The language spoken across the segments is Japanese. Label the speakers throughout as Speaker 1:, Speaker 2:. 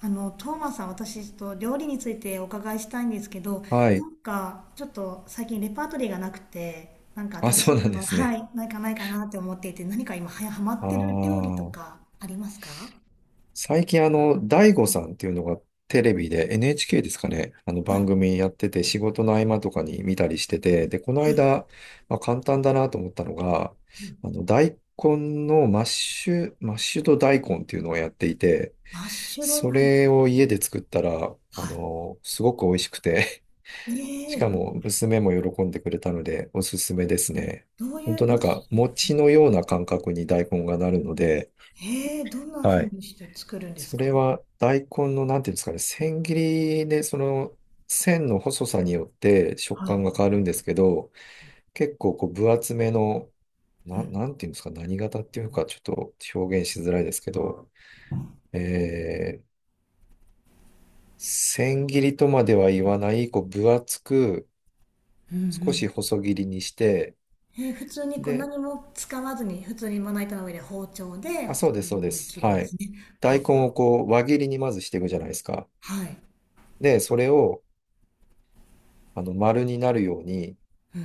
Speaker 1: あの、トーマスさん、私、ちょっと料理についてお伺いしたいんですけど、
Speaker 2: は
Speaker 1: な
Speaker 2: い。
Speaker 1: んか、ちょっと最近レパートリーがなくて、なんか
Speaker 2: あ、
Speaker 1: 新
Speaker 2: そ
Speaker 1: し
Speaker 2: う
Speaker 1: い
Speaker 2: なんで
Speaker 1: の、
Speaker 2: す
Speaker 1: は
Speaker 2: ね。
Speaker 1: い、ないかなって思っていて、何か今、ハマっ
Speaker 2: あ
Speaker 1: てる料理と
Speaker 2: あ。
Speaker 1: かありますか？
Speaker 2: 最近大悟さんっていうのがテレビで NHK ですかね。あの
Speaker 1: は
Speaker 2: 番
Speaker 1: い。
Speaker 2: 組やってて、仕事の合間とかに見たりしてて、で、この間、まあ、簡単だなと思ったのが、大根のマッシュ、マッシュド大根っていうのをやっていて、
Speaker 1: マッシュド
Speaker 2: そ
Speaker 1: ライン。
Speaker 2: れを家で作ったら、
Speaker 1: は
Speaker 2: すごく美味しくて、
Speaker 1: い。ええ
Speaker 2: しか
Speaker 1: ー、
Speaker 2: も娘も喜んでくれたのでおすすめですね。
Speaker 1: ど、どうい
Speaker 2: ほんと
Speaker 1: う、
Speaker 2: な
Speaker 1: マ
Speaker 2: ん
Speaker 1: ッシ
Speaker 2: か
Speaker 1: ュ、
Speaker 2: 餅のような感覚に大根がなるので。
Speaker 1: ええー、どんな
Speaker 2: は
Speaker 1: 風
Speaker 2: い。
Speaker 1: にして作るんで
Speaker 2: そ
Speaker 1: す
Speaker 2: れ
Speaker 1: か？
Speaker 2: は大根のなんていうんですかね、千切りで、その線の細さによって食
Speaker 1: はい。
Speaker 2: 感が変わるんですけど、結構こう分厚めの、
Speaker 1: う
Speaker 2: な、
Speaker 1: ん。
Speaker 2: なんていうんですか、何型っていうかちょっと表現しづらいですけど、えー、千切りとまでは言わない、こう分厚く
Speaker 1: うんう
Speaker 2: 少し
Speaker 1: ん。
Speaker 2: 細切りにして、
Speaker 1: えー、普通にこう
Speaker 2: で、
Speaker 1: 何も使わずに、普通にまな板の上で包丁で
Speaker 2: あ、そう
Speaker 1: 細
Speaker 2: です、そう
Speaker 1: 切
Speaker 2: で
Speaker 1: りに
Speaker 2: す。
Speaker 1: 切るんで
Speaker 2: は
Speaker 1: す
Speaker 2: い。
Speaker 1: ね。
Speaker 2: 大
Speaker 1: は、
Speaker 2: 根をこう、輪切りにまずしていくじゃないですか。
Speaker 1: はい。
Speaker 2: で、それを、丸になるように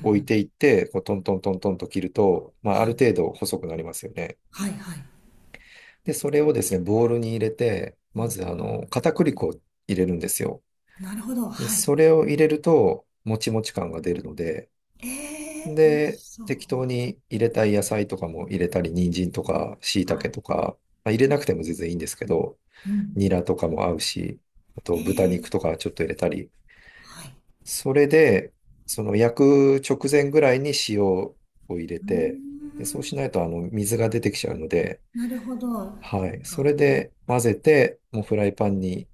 Speaker 2: 置いていって、こう、トントントントンと切ると、まあ、ある程度細くなりますよね。
Speaker 1: はいはい。
Speaker 2: で、それをですね、ボウルに入れて、まず、片栗粉を入れるんですよ。
Speaker 1: なるほど、
Speaker 2: で、
Speaker 1: はい。
Speaker 2: それを入れると、もちもち感が出るので、
Speaker 1: えー、美味し
Speaker 2: で、
Speaker 1: そ
Speaker 2: 適当
Speaker 1: う。
Speaker 2: に入れたい野菜とかも入れたり、人参とか、椎
Speaker 1: はい。
Speaker 2: 茸とか、まあ、入れなくても全然いいんですけど、
Speaker 1: う
Speaker 2: ニ
Speaker 1: ん。
Speaker 2: ラとかも合うし、あ
Speaker 1: え
Speaker 2: と豚
Speaker 1: ー。
Speaker 2: 肉とかちょっと入れたり。
Speaker 1: はい。
Speaker 2: それで、その焼く直前ぐらいに塩を入れ
Speaker 1: うー
Speaker 2: て、で、そうし
Speaker 1: ん、
Speaker 2: ないと水が出てきちゃうので。
Speaker 1: なるほど、そ
Speaker 2: はい。
Speaker 1: っ
Speaker 2: そ
Speaker 1: か。
Speaker 2: れで混ぜて、もうフライパンに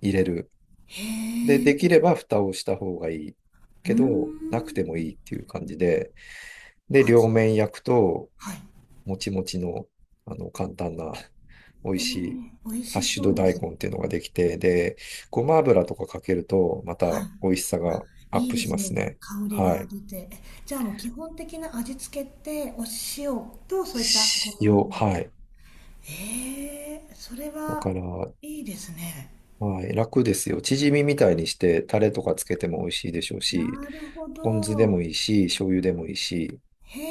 Speaker 2: 入れる。で、
Speaker 1: へえ。
Speaker 2: できれば蓋をした方がいい
Speaker 1: うー
Speaker 2: け
Speaker 1: ん。
Speaker 2: ど、なくてもいいっていう感じで、で、両
Speaker 1: あ、
Speaker 2: 面焼くと、
Speaker 1: はい。
Speaker 2: もちもちの、簡単な、美
Speaker 1: え
Speaker 2: 味
Speaker 1: ー、
Speaker 2: しい、
Speaker 1: 美味
Speaker 2: ハッ
Speaker 1: し
Speaker 2: シュ
Speaker 1: そう
Speaker 2: ド
Speaker 1: で
Speaker 2: 大
Speaker 1: す。
Speaker 2: 根っていうのができて、で、ごま油とかかけると、ま
Speaker 1: は
Speaker 2: た美味しさがアッ
Speaker 1: い。いい
Speaker 2: プ
Speaker 1: で
Speaker 2: し
Speaker 1: す
Speaker 2: ます
Speaker 1: ね、
Speaker 2: ね。
Speaker 1: 香りが
Speaker 2: はい。
Speaker 1: 出て。え、じゃあもう基本的な味付けって、お塩とそういったごま
Speaker 2: 塩、
Speaker 1: 油。
Speaker 2: はい。
Speaker 1: ええ、それ
Speaker 2: だか
Speaker 1: は
Speaker 2: ら、は
Speaker 1: いいですね。
Speaker 2: い、楽ですよ。チヂミみたいにして、タレとかつけても美味しいでしょうし、
Speaker 1: なるほ
Speaker 2: ポン酢でも
Speaker 1: ど。
Speaker 2: いいし、醤油でもいいし。
Speaker 1: へ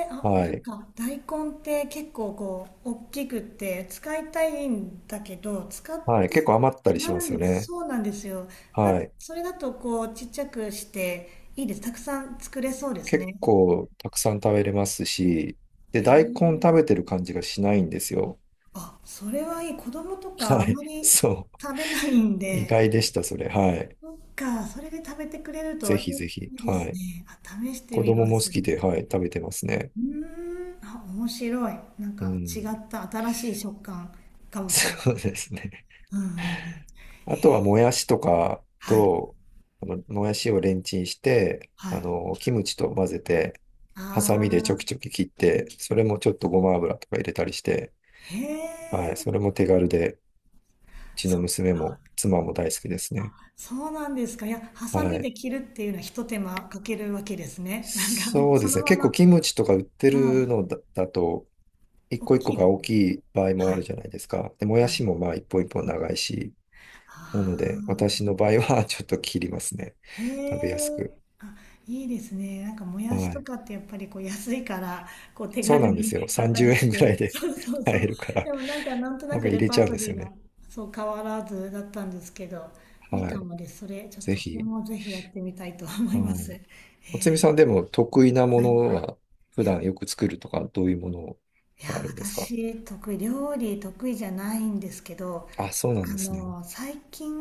Speaker 1: え、あ、
Speaker 2: は
Speaker 1: なん
Speaker 2: い。
Speaker 1: か大根って結構こう、大きくって使いたいんだけど、使っ
Speaker 2: はい。
Speaker 1: て
Speaker 2: 結構余ったりし
Speaker 1: 余
Speaker 2: ま
Speaker 1: るん
Speaker 2: すよ
Speaker 1: です。
Speaker 2: ね。
Speaker 1: そうなんですよ。
Speaker 2: は
Speaker 1: だ、
Speaker 2: い。
Speaker 1: それだとこう、ちっちゃくしていいです。たくさん作れそうですね。
Speaker 2: 結構たくさん食べれますし、で、
Speaker 1: へ
Speaker 2: 大根
Speaker 1: え。
Speaker 2: 食べてる感じがしないんですよ。
Speaker 1: あ、それはいい。子供とか
Speaker 2: は
Speaker 1: あん
Speaker 2: い。
Speaker 1: ま り
Speaker 2: そう。
Speaker 1: 食べないん
Speaker 2: 意
Speaker 1: で、
Speaker 2: 外でした、それ。はい。
Speaker 1: そっか、それで食べてくれると
Speaker 2: ぜ
Speaker 1: いい、
Speaker 2: ひぜひ。
Speaker 1: いいで
Speaker 2: は
Speaker 1: す
Speaker 2: い。
Speaker 1: ね。あ、試して
Speaker 2: 子
Speaker 1: みま
Speaker 2: 供も好
Speaker 1: す。
Speaker 2: きで、はい、食べてますね。
Speaker 1: うーん、あ、面白い。なん
Speaker 2: う
Speaker 1: か違
Speaker 2: ん。
Speaker 1: った新しい食感か もしれな
Speaker 2: そ
Speaker 1: い
Speaker 2: う
Speaker 1: で
Speaker 2: で
Speaker 1: す。
Speaker 2: すね。
Speaker 1: うんうんうん。
Speaker 2: あとは、もやしとか
Speaker 1: はい。
Speaker 2: と、もやしをレンチンして、
Speaker 1: はい。
Speaker 2: キムチと混ぜて、
Speaker 1: あ
Speaker 2: ハサミでちょ
Speaker 1: あ。
Speaker 2: きちょき切って、それもちょっとごま油とか入れたりして。
Speaker 1: へ
Speaker 2: は
Speaker 1: え。
Speaker 2: い。それも手軽で、うちの
Speaker 1: そっ
Speaker 2: 娘
Speaker 1: か。
Speaker 2: も妻も大好きです
Speaker 1: あ、
Speaker 2: ね。
Speaker 1: そうなんですか。いや、ハサ
Speaker 2: は
Speaker 1: ミ
Speaker 2: い。
Speaker 1: で切るっていうのは一手間かけるわけですね。なんか、
Speaker 2: そう
Speaker 1: そ
Speaker 2: で
Speaker 1: の
Speaker 2: すね。
Speaker 1: ま
Speaker 2: 結
Speaker 1: ま、
Speaker 2: 構キムチとか売って
Speaker 1: は
Speaker 2: る
Speaker 1: い、
Speaker 2: のだと、一
Speaker 1: 大
Speaker 2: 個一個
Speaker 1: きいで
Speaker 2: が
Speaker 1: す。
Speaker 2: 大きい場合も
Speaker 1: は
Speaker 2: あ
Speaker 1: い。
Speaker 2: るじゃないですか。で、もや
Speaker 1: はい。
Speaker 2: しもまあ一本一本長いし、な
Speaker 1: あ
Speaker 2: ので
Speaker 1: あ。
Speaker 2: 私の場合は ちょっと切りますね。
Speaker 1: へ
Speaker 2: 食べやすく。
Speaker 1: え。あ、いいですね。なんかもやし
Speaker 2: は
Speaker 1: と
Speaker 2: い。
Speaker 1: かってやっぱりこう安いからこう手
Speaker 2: そう
Speaker 1: 軽
Speaker 2: なんで
Speaker 1: に
Speaker 2: すよ。
Speaker 1: 買った
Speaker 2: 30
Speaker 1: りし
Speaker 2: 円ぐらい
Speaker 1: て、
Speaker 2: で
Speaker 1: そうそう
Speaker 2: 買
Speaker 1: そう。
Speaker 2: えるから、
Speaker 1: でもなんかなんとな
Speaker 2: なんか
Speaker 1: く
Speaker 2: 入
Speaker 1: レ
Speaker 2: れ
Speaker 1: パ
Speaker 2: ち
Speaker 1: ー
Speaker 2: ゃうん
Speaker 1: ト
Speaker 2: です
Speaker 1: リ
Speaker 2: よ
Speaker 1: ーが
Speaker 2: ね。
Speaker 1: そう変わらずだったんですけど、いい
Speaker 2: は
Speaker 1: か
Speaker 2: い。
Speaker 1: もです。それちょっ
Speaker 2: ぜ
Speaker 1: とそれ
Speaker 2: ひ。
Speaker 1: もぜひやってみたいと思い
Speaker 2: は
Speaker 1: ます。へ
Speaker 2: い。おつみ
Speaker 1: え。
Speaker 2: さんでも得意なも
Speaker 1: はい。い
Speaker 2: のは、普
Speaker 1: や、
Speaker 2: 段よく作るとか、どういうもの
Speaker 1: いや、
Speaker 2: があるんですか？
Speaker 1: 私得意じゃないんですけど、
Speaker 2: あ、そうなん
Speaker 1: あ
Speaker 2: ですね。
Speaker 1: の最近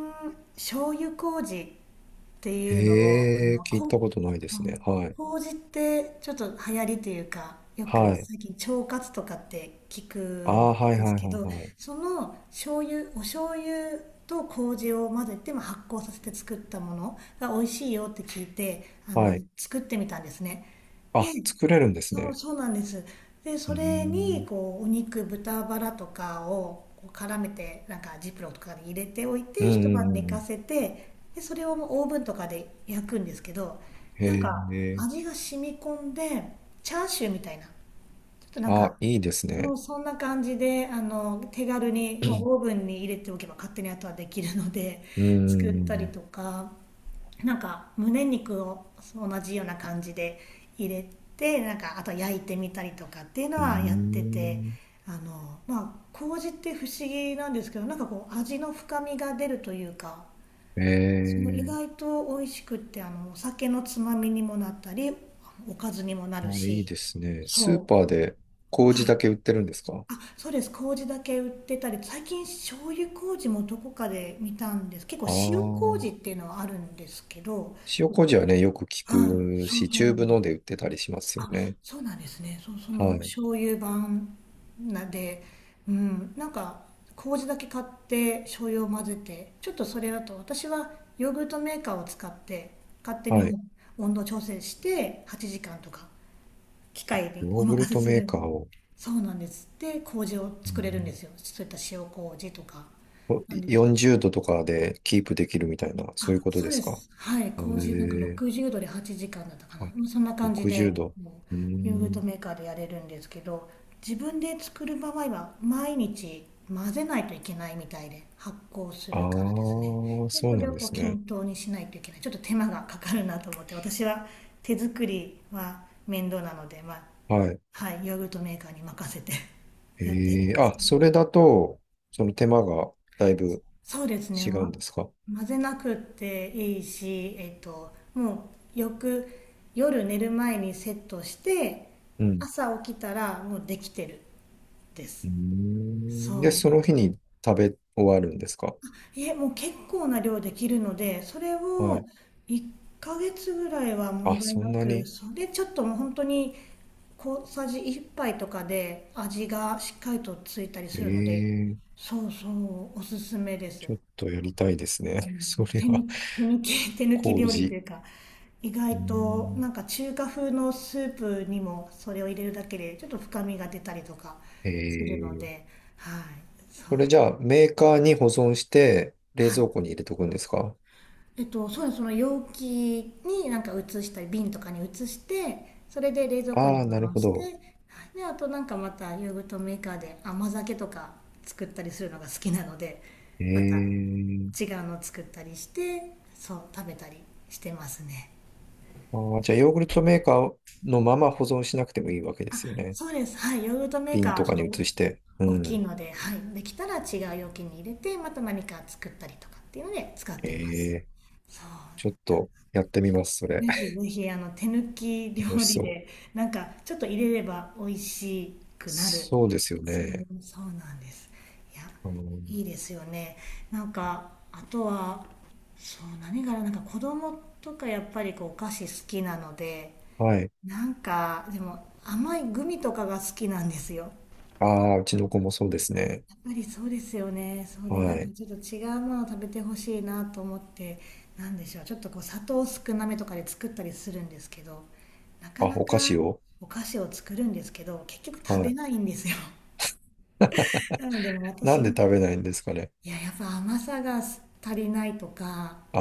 Speaker 1: 醤油麹って
Speaker 2: へ
Speaker 1: いうのを、あ
Speaker 2: え、
Speaker 1: の、
Speaker 2: 聞い
Speaker 1: こん、
Speaker 2: たことないで
Speaker 1: う
Speaker 2: すね。
Speaker 1: ん、
Speaker 2: はい。
Speaker 1: 麹ってちょっと流行りというか、よく
Speaker 2: はい。
Speaker 1: 最近腸活とかって聞く
Speaker 2: あ
Speaker 1: ん
Speaker 2: あ、はい
Speaker 1: で
Speaker 2: はい
Speaker 1: すけど、
Speaker 2: はい
Speaker 1: その醤油、お醤油と麹を混ぜて、まあ、発酵させて作ったものが美味しいよって聞いて、あ
Speaker 2: はい。
Speaker 1: の、
Speaker 2: はい。
Speaker 1: 作ってみたんですね。
Speaker 2: あ、作れるんです
Speaker 1: そう
Speaker 2: ね。
Speaker 1: そうなんです。で
Speaker 2: う
Speaker 1: それに
Speaker 2: ん。
Speaker 1: こうお肉豚バラとかをこう絡めて、なんかジップロックとかに入れておい
Speaker 2: うん。
Speaker 1: て、
Speaker 2: う
Speaker 1: 一晩寝か
Speaker 2: ん。
Speaker 1: せて、でそれをオーブンとかで焼くんですけど、なん
Speaker 2: へ
Speaker 1: か
Speaker 2: え。
Speaker 1: 味が染み込んでチャーシューみたいな、ちょっとなん
Speaker 2: あ、
Speaker 1: か、
Speaker 2: いいです
Speaker 1: そ
Speaker 2: ね。
Speaker 1: うそんな感じで、あの、手軽にもうオーブンに入れておけば勝手に後はできるので
Speaker 2: う
Speaker 1: 作ったり
Speaker 2: ん。
Speaker 1: とか、なんか胸肉を同じような感じで入れて、なんかあと焼いてみたりとかっていうの
Speaker 2: う
Speaker 1: はやってて、
Speaker 2: ん。
Speaker 1: あの、まあ、麹って不思議なんですけど、なんかこう味の深みが出るというか、その
Speaker 2: ええ。
Speaker 1: 意外と美味しくって、あの、お酒のつまみにもなったり、おかずにもなる
Speaker 2: あ、いい
Speaker 1: し、
Speaker 2: ですね。スー
Speaker 1: そう、
Speaker 2: パーで
Speaker 1: は
Speaker 2: 麹
Speaker 1: い。
Speaker 2: だけ売ってるんですか？
Speaker 1: あ、そうです。麹だけ売ってたり、最近醤油麹もどこかで見たんです。結構
Speaker 2: ああ
Speaker 1: 塩
Speaker 2: ー。
Speaker 1: 麹っていうのはあるんですけど、
Speaker 2: 塩麹はね、よく聞
Speaker 1: はい、
Speaker 2: く
Speaker 1: そう
Speaker 2: し、
Speaker 1: そ
Speaker 2: チ
Speaker 1: う
Speaker 2: ュー
Speaker 1: なん
Speaker 2: ブ
Speaker 1: で
Speaker 2: の
Speaker 1: す。
Speaker 2: で売ってたりしますよ
Speaker 1: あ、
Speaker 2: ね。
Speaker 1: そうなんですね。そう、そ
Speaker 2: は
Speaker 1: の
Speaker 2: い。
Speaker 1: 醤油版なで、うん、なんか麹だけ買って醤油を混ぜて、ちょっとそれだと私はヨーグルトメーカーを使って勝手に
Speaker 2: はい。
Speaker 1: もう温度調整して8時間とか機械に
Speaker 2: ヨ
Speaker 1: お
Speaker 2: ーグル
Speaker 1: 任せ
Speaker 2: ト
Speaker 1: す
Speaker 2: メー
Speaker 1: る。
Speaker 2: カーを、
Speaker 1: そうなんです。で、麹を
Speaker 2: う
Speaker 1: 作れるんで
Speaker 2: ん、
Speaker 1: すよ。そういった塩麹とか
Speaker 2: こ
Speaker 1: なんです。
Speaker 2: 40度とかでキープできるみたいな、そういう
Speaker 1: あ、
Speaker 2: こと
Speaker 1: そう
Speaker 2: です
Speaker 1: で
Speaker 2: か？
Speaker 1: す。はい。
Speaker 2: へ
Speaker 1: 麹、なんか
Speaker 2: え。
Speaker 1: 60度で8時間だったかな。
Speaker 2: あ、
Speaker 1: うん、そんな感じ
Speaker 2: 60
Speaker 1: で、
Speaker 2: 度。
Speaker 1: こ
Speaker 2: うー
Speaker 1: うヨーグルト
Speaker 2: ん。
Speaker 1: メーカーでやれるんですけど、自分で作る場合は、毎日混ぜないといけないみたいで、発酵す
Speaker 2: ああ、
Speaker 1: るからですね。で、
Speaker 2: そ
Speaker 1: そ
Speaker 2: うな
Speaker 1: れ
Speaker 2: ん
Speaker 1: を
Speaker 2: で
Speaker 1: こう
Speaker 2: すね。
Speaker 1: 均等にしないといけない。ちょっと手間がかかるなと思って、私は手作りは面倒なので、まあ、
Speaker 2: はい。
Speaker 1: はい、ヨーグルトメーカーに任せて やっているん
Speaker 2: ええ、
Speaker 1: です
Speaker 2: あ、
Speaker 1: けど。
Speaker 2: それだと、その手間がだいぶ
Speaker 1: そうですね、
Speaker 2: 違うん
Speaker 1: ま、
Speaker 2: ですか？
Speaker 1: 混ぜなくていいし、えっと、もうよく夜寝る前にセットして
Speaker 2: うん。
Speaker 1: 朝起きたらもうできてるで
Speaker 2: う
Speaker 1: す。
Speaker 2: ーん。で、
Speaker 1: そう、
Speaker 2: その日に食べ終わるんですか？
Speaker 1: いえ、もう結構な量できるので、それ
Speaker 2: は
Speaker 1: を
Speaker 2: い。
Speaker 1: 1ヶ月ぐらいは問
Speaker 2: あ、
Speaker 1: 題
Speaker 2: そん
Speaker 1: な
Speaker 2: な
Speaker 1: く、
Speaker 2: に。
Speaker 1: それちょっともう本当に小さじ1杯とかで味がしっかりとついたり
Speaker 2: え
Speaker 1: するので、
Speaker 2: え、
Speaker 1: そうそう、おすすめです。
Speaker 2: ちょっとやりたいです
Speaker 1: あ
Speaker 2: ね。
Speaker 1: の、
Speaker 2: それは、
Speaker 1: 手抜き、手抜き料理と
Speaker 2: 麹。
Speaker 1: いうか、意
Speaker 2: うー
Speaker 1: 外と
Speaker 2: ん。
Speaker 1: なんか中華風のスープにもそれを入れるだけでちょっと深みが出たりとか
Speaker 2: え
Speaker 1: するの
Speaker 2: え、
Speaker 1: で、はい、そ
Speaker 2: それ
Speaker 1: う。
Speaker 2: じゃあ、メーカーに保存して、冷
Speaker 1: はい。
Speaker 2: 蔵庫に入れとくんですか？
Speaker 1: えっと、そうです。その容器になんか移したり、瓶とかに移して、それで冷蔵庫に
Speaker 2: ああー、
Speaker 1: 保
Speaker 2: なる
Speaker 1: 存
Speaker 2: ほ
Speaker 1: して、は
Speaker 2: ど。
Speaker 1: い、で、あと、なんかまたヨーグルトメーカーで甘酒とか作ったりするのが好きなので、また
Speaker 2: ええ。
Speaker 1: 違うの作ったりして、そう、食べたりしてますね。
Speaker 2: あー、
Speaker 1: ち
Speaker 2: じ
Speaker 1: ょ
Speaker 2: ゃ
Speaker 1: っ
Speaker 2: あ、
Speaker 1: と、
Speaker 2: ヨーグルトメーカーのまま保存しなくてもいいわけで
Speaker 1: あ、
Speaker 2: すよね。
Speaker 1: そうです。はい。ヨーグルトメーカ
Speaker 2: 瓶
Speaker 1: ーは
Speaker 2: と
Speaker 1: ちょっ
Speaker 2: か
Speaker 1: と
Speaker 2: に移して。う
Speaker 1: お大きい
Speaker 2: ん。
Speaker 1: ので、はい。できたら違う容器に入れて、また何か作ったりとかっていうので使っ
Speaker 2: え
Speaker 1: てます。
Speaker 2: え。
Speaker 1: そう。
Speaker 2: ちょっとやってみます、そ
Speaker 1: ぜ
Speaker 2: れ。
Speaker 1: ひ ぜひ、あの、手抜き
Speaker 2: 楽
Speaker 1: 料
Speaker 2: し
Speaker 1: 理
Speaker 2: そう。
Speaker 1: で、なんか、ちょっと入れれば美味しくなる。
Speaker 2: そうですよ
Speaker 1: そう、
Speaker 2: ね。
Speaker 1: そうなんです。いや、
Speaker 2: あの
Speaker 1: いいですよね。なんか、あとは、そう、何からなんか子供とかやっぱりこうお菓子好きなので、
Speaker 2: はい。
Speaker 1: なんか、でも甘いグミとかが好きなんですよ。
Speaker 2: ああ、うちの子もそうですね。
Speaker 1: やっぱりそうですよね。そうで、な
Speaker 2: は
Speaker 1: んか
Speaker 2: い。
Speaker 1: ちょっと違うものを食べてほしいなと思って、なんでしょう。ちょっとこう砂糖少なめとかで作ったりするんですけど、なか
Speaker 2: あ、
Speaker 1: な
Speaker 2: お
Speaker 1: か
Speaker 2: 菓子を。
Speaker 1: お菓子を作るんですけど、結局食
Speaker 2: は
Speaker 1: べ
Speaker 2: い。
Speaker 1: ないんですよ。なのでもう
Speaker 2: な
Speaker 1: 私
Speaker 2: んで
Speaker 1: が、
Speaker 2: 食べないんですかね。
Speaker 1: いや、やっぱ甘さが足りないとか、
Speaker 2: あ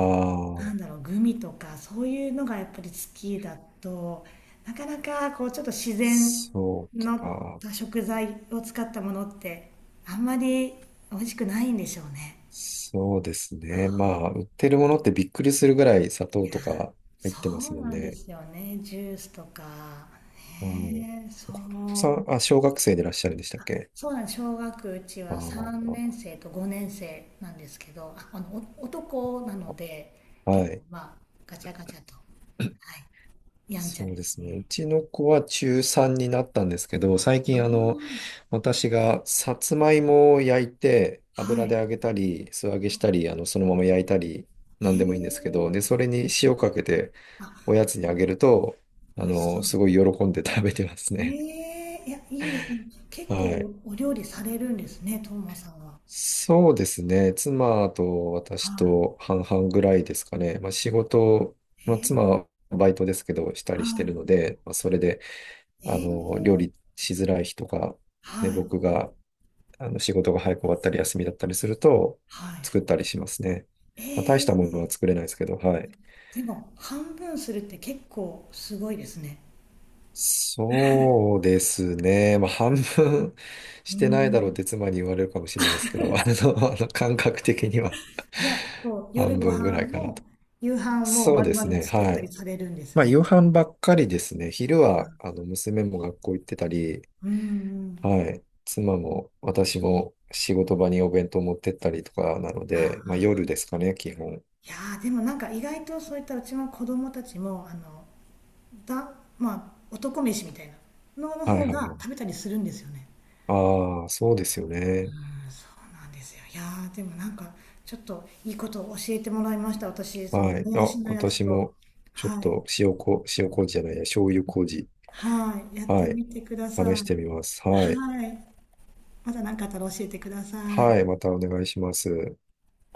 Speaker 1: な
Speaker 2: あ、
Speaker 1: んだろう、グミとか、そういうのがやっぱり好きだと、なかなかこうちょっと自然
Speaker 2: そう
Speaker 1: の
Speaker 2: か。
Speaker 1: 食材を使ったものって、あんまり美味しくないんでしょうね。
Speaker 2: そうですね。ま
Speaker 1: あ
Speaker 2: あ、売ってるものってびっくりするぐらい砂
Speaker 1: ー、
Speaker 2: 糖
Speaker 1: いや、
Speaker 2: とか入ってま
Speaker 1: そ
Speaker 2: す
Speaker 1: う
Speaker 2: もん
Speaker 1: なんで
Speaker 2: ね。
Speaker 1: すよね。ジュースとか。
Speaker 2: はい
Speaker 1: ねえ、そ
Speaker 2: さ
Speaker 1: う。
Speaker 2: ん、あ、小学生でいらっしゃるんでしたっけ？
Speaker 1: そうなんです。うち
Speaker 2: あ
Speaker 1: は3
Speaker 2: あ、
Speaker 1: 年生と5年生なんですけど、あ、あの、お男なので、
Speaker 2: は
Speaker 1: 結構
Speaker 2: い。
Speaker 1: まあ、ガチャガチャと、はい、やんちゃ
Speaker 2: そう
Speaker 1: で
Speaker 2: で
Speaker 1: す
Speaker 2: すね。
Speaker 1: ね。
Speaker 2: うちの子は中3になったんですけど、最近
Speaker 1: あ
Speaker 2: 私がさつまいもを焼いて、
Speaker 1: あ、は
Speaker 2: 油で揚
Speaker 1: い。
Speaker 2: げたり、素揚げしたり、そのまま焼いたり、な
Speaker 1: へ
Speaker 2: んでもいいんですけど、
Speaker 1: え。
Speaker 2: で、それに塩かけて
Speaker 1: あ、
Speaker 2: おやつにあげると、
Speaker 1: 美味しそう。
Speaker 2: すごい喜んで食べてます
Speaker 1: え
Speaker 2: ね。
Speaker 1: え、いや、いいですね。結
Speaker 2: はい。
Speaker 1: 構お料理されるんですね、トーマさんは。
Speaker 2: そうですね。妻と私
Speaker 1: は
Speaker 2: と半々ぐらいですかね。まあ、仕事、
Speaker 1: い。
Speaker 2: まあ、
Speaker 1: え
Speaker 2: 妻
Speaker 1: え、
Speaker 2: はバイトですけど、した
Speaker 1: は
Speaker 2: りして
Speaker 1: い。
Speaker 2: るので、まあ、それで、
Speaker 1: え
Speaker 2: 料
Speaker 1: え、
Speaker 2: 理しづらい日とか、ね、
Speaker 1: はい。
Speaker 2: 僕が、仕事が早く終わったり、休みだったりすると、
Speaker 1: はい。
Speaker 2: 作ったりしますね。まあ、大したもの
Speaker 1: ええ、
Speaker 2: は作れないですけど。はい。
Speaker 1: でも、半分するって結構すごいですね。
Speaker 2: そうですね。まあ、半分
Speaker 1: う
Speaker 2: してないだろうっ
Speaker 1: ん。
Speaker 2: て妻に言われるかもしれないですけど、感覚的には
Speaker 1: じゃあ、こう、夜
Speaker 2: 半
Speaker 1: ご
Speaker 2: 分ぐ
Speaker 1: 飯
Speaker 2: らいかなと。
Speaker 1: も、夕飯も
Speaker 2: そう
Speaker 1: 丸
Speaker 2: です
Speaker 1: 々
Speaker 2: ね。
Speaker 1: 作っ
Speaker 2: は
Speaker 1: たり
Speaker 2: い。
Speaker 1: されるんです
Speaker 2: まあ、
Speaker 1: ね。
Speaker 2: 夕飯ばっかりですね。昼は、娘も学校行ってたり、
Speaker 1: うんうん。
Speaker 2: はい。妻も私も仕事場にお弁当持ってったりとかなの
Speaker 1: あ
Speaker 2: で、まあ、夜
Speaker 1: あ。
Speaker 2: ですかね、基本。
Speaker 1: いやー、でもなんか意外とそういったうちの子供たちも、あの、だ、まあ、男飯みたいなのの
Speaker 2: はい
Speaker 1: 方
Speaker 2: はいは
Speaker 1: が食
Speaker 2: い。
Speaker 1: べたりするんですよね。
Speaker 2: ああ、そうですよね。
Speaker 1: うん、そうなんですよ。いやー、でもなんか、ちょっといいことを教えてもらいました。私、その、
Speaker 2: はい。
Speaker 1: も
Speaker 2: あ、
Speaker 1: やしのやつ
Speaker 2: 私
Speaker 1: と、
Speaker 2: も、ちょっ
Speaker 1: はい。
Speaker 2: と塩麹じゃないや、醤油麹。
Speaker 1: はい、やって
Speaker 2: はい。
Speaker 1: みてください。
Speaker 2: 試してみます。はい。
Speaker 1: はい、また何かあったら教えてください。
Speaker 2: はい。またお願いします。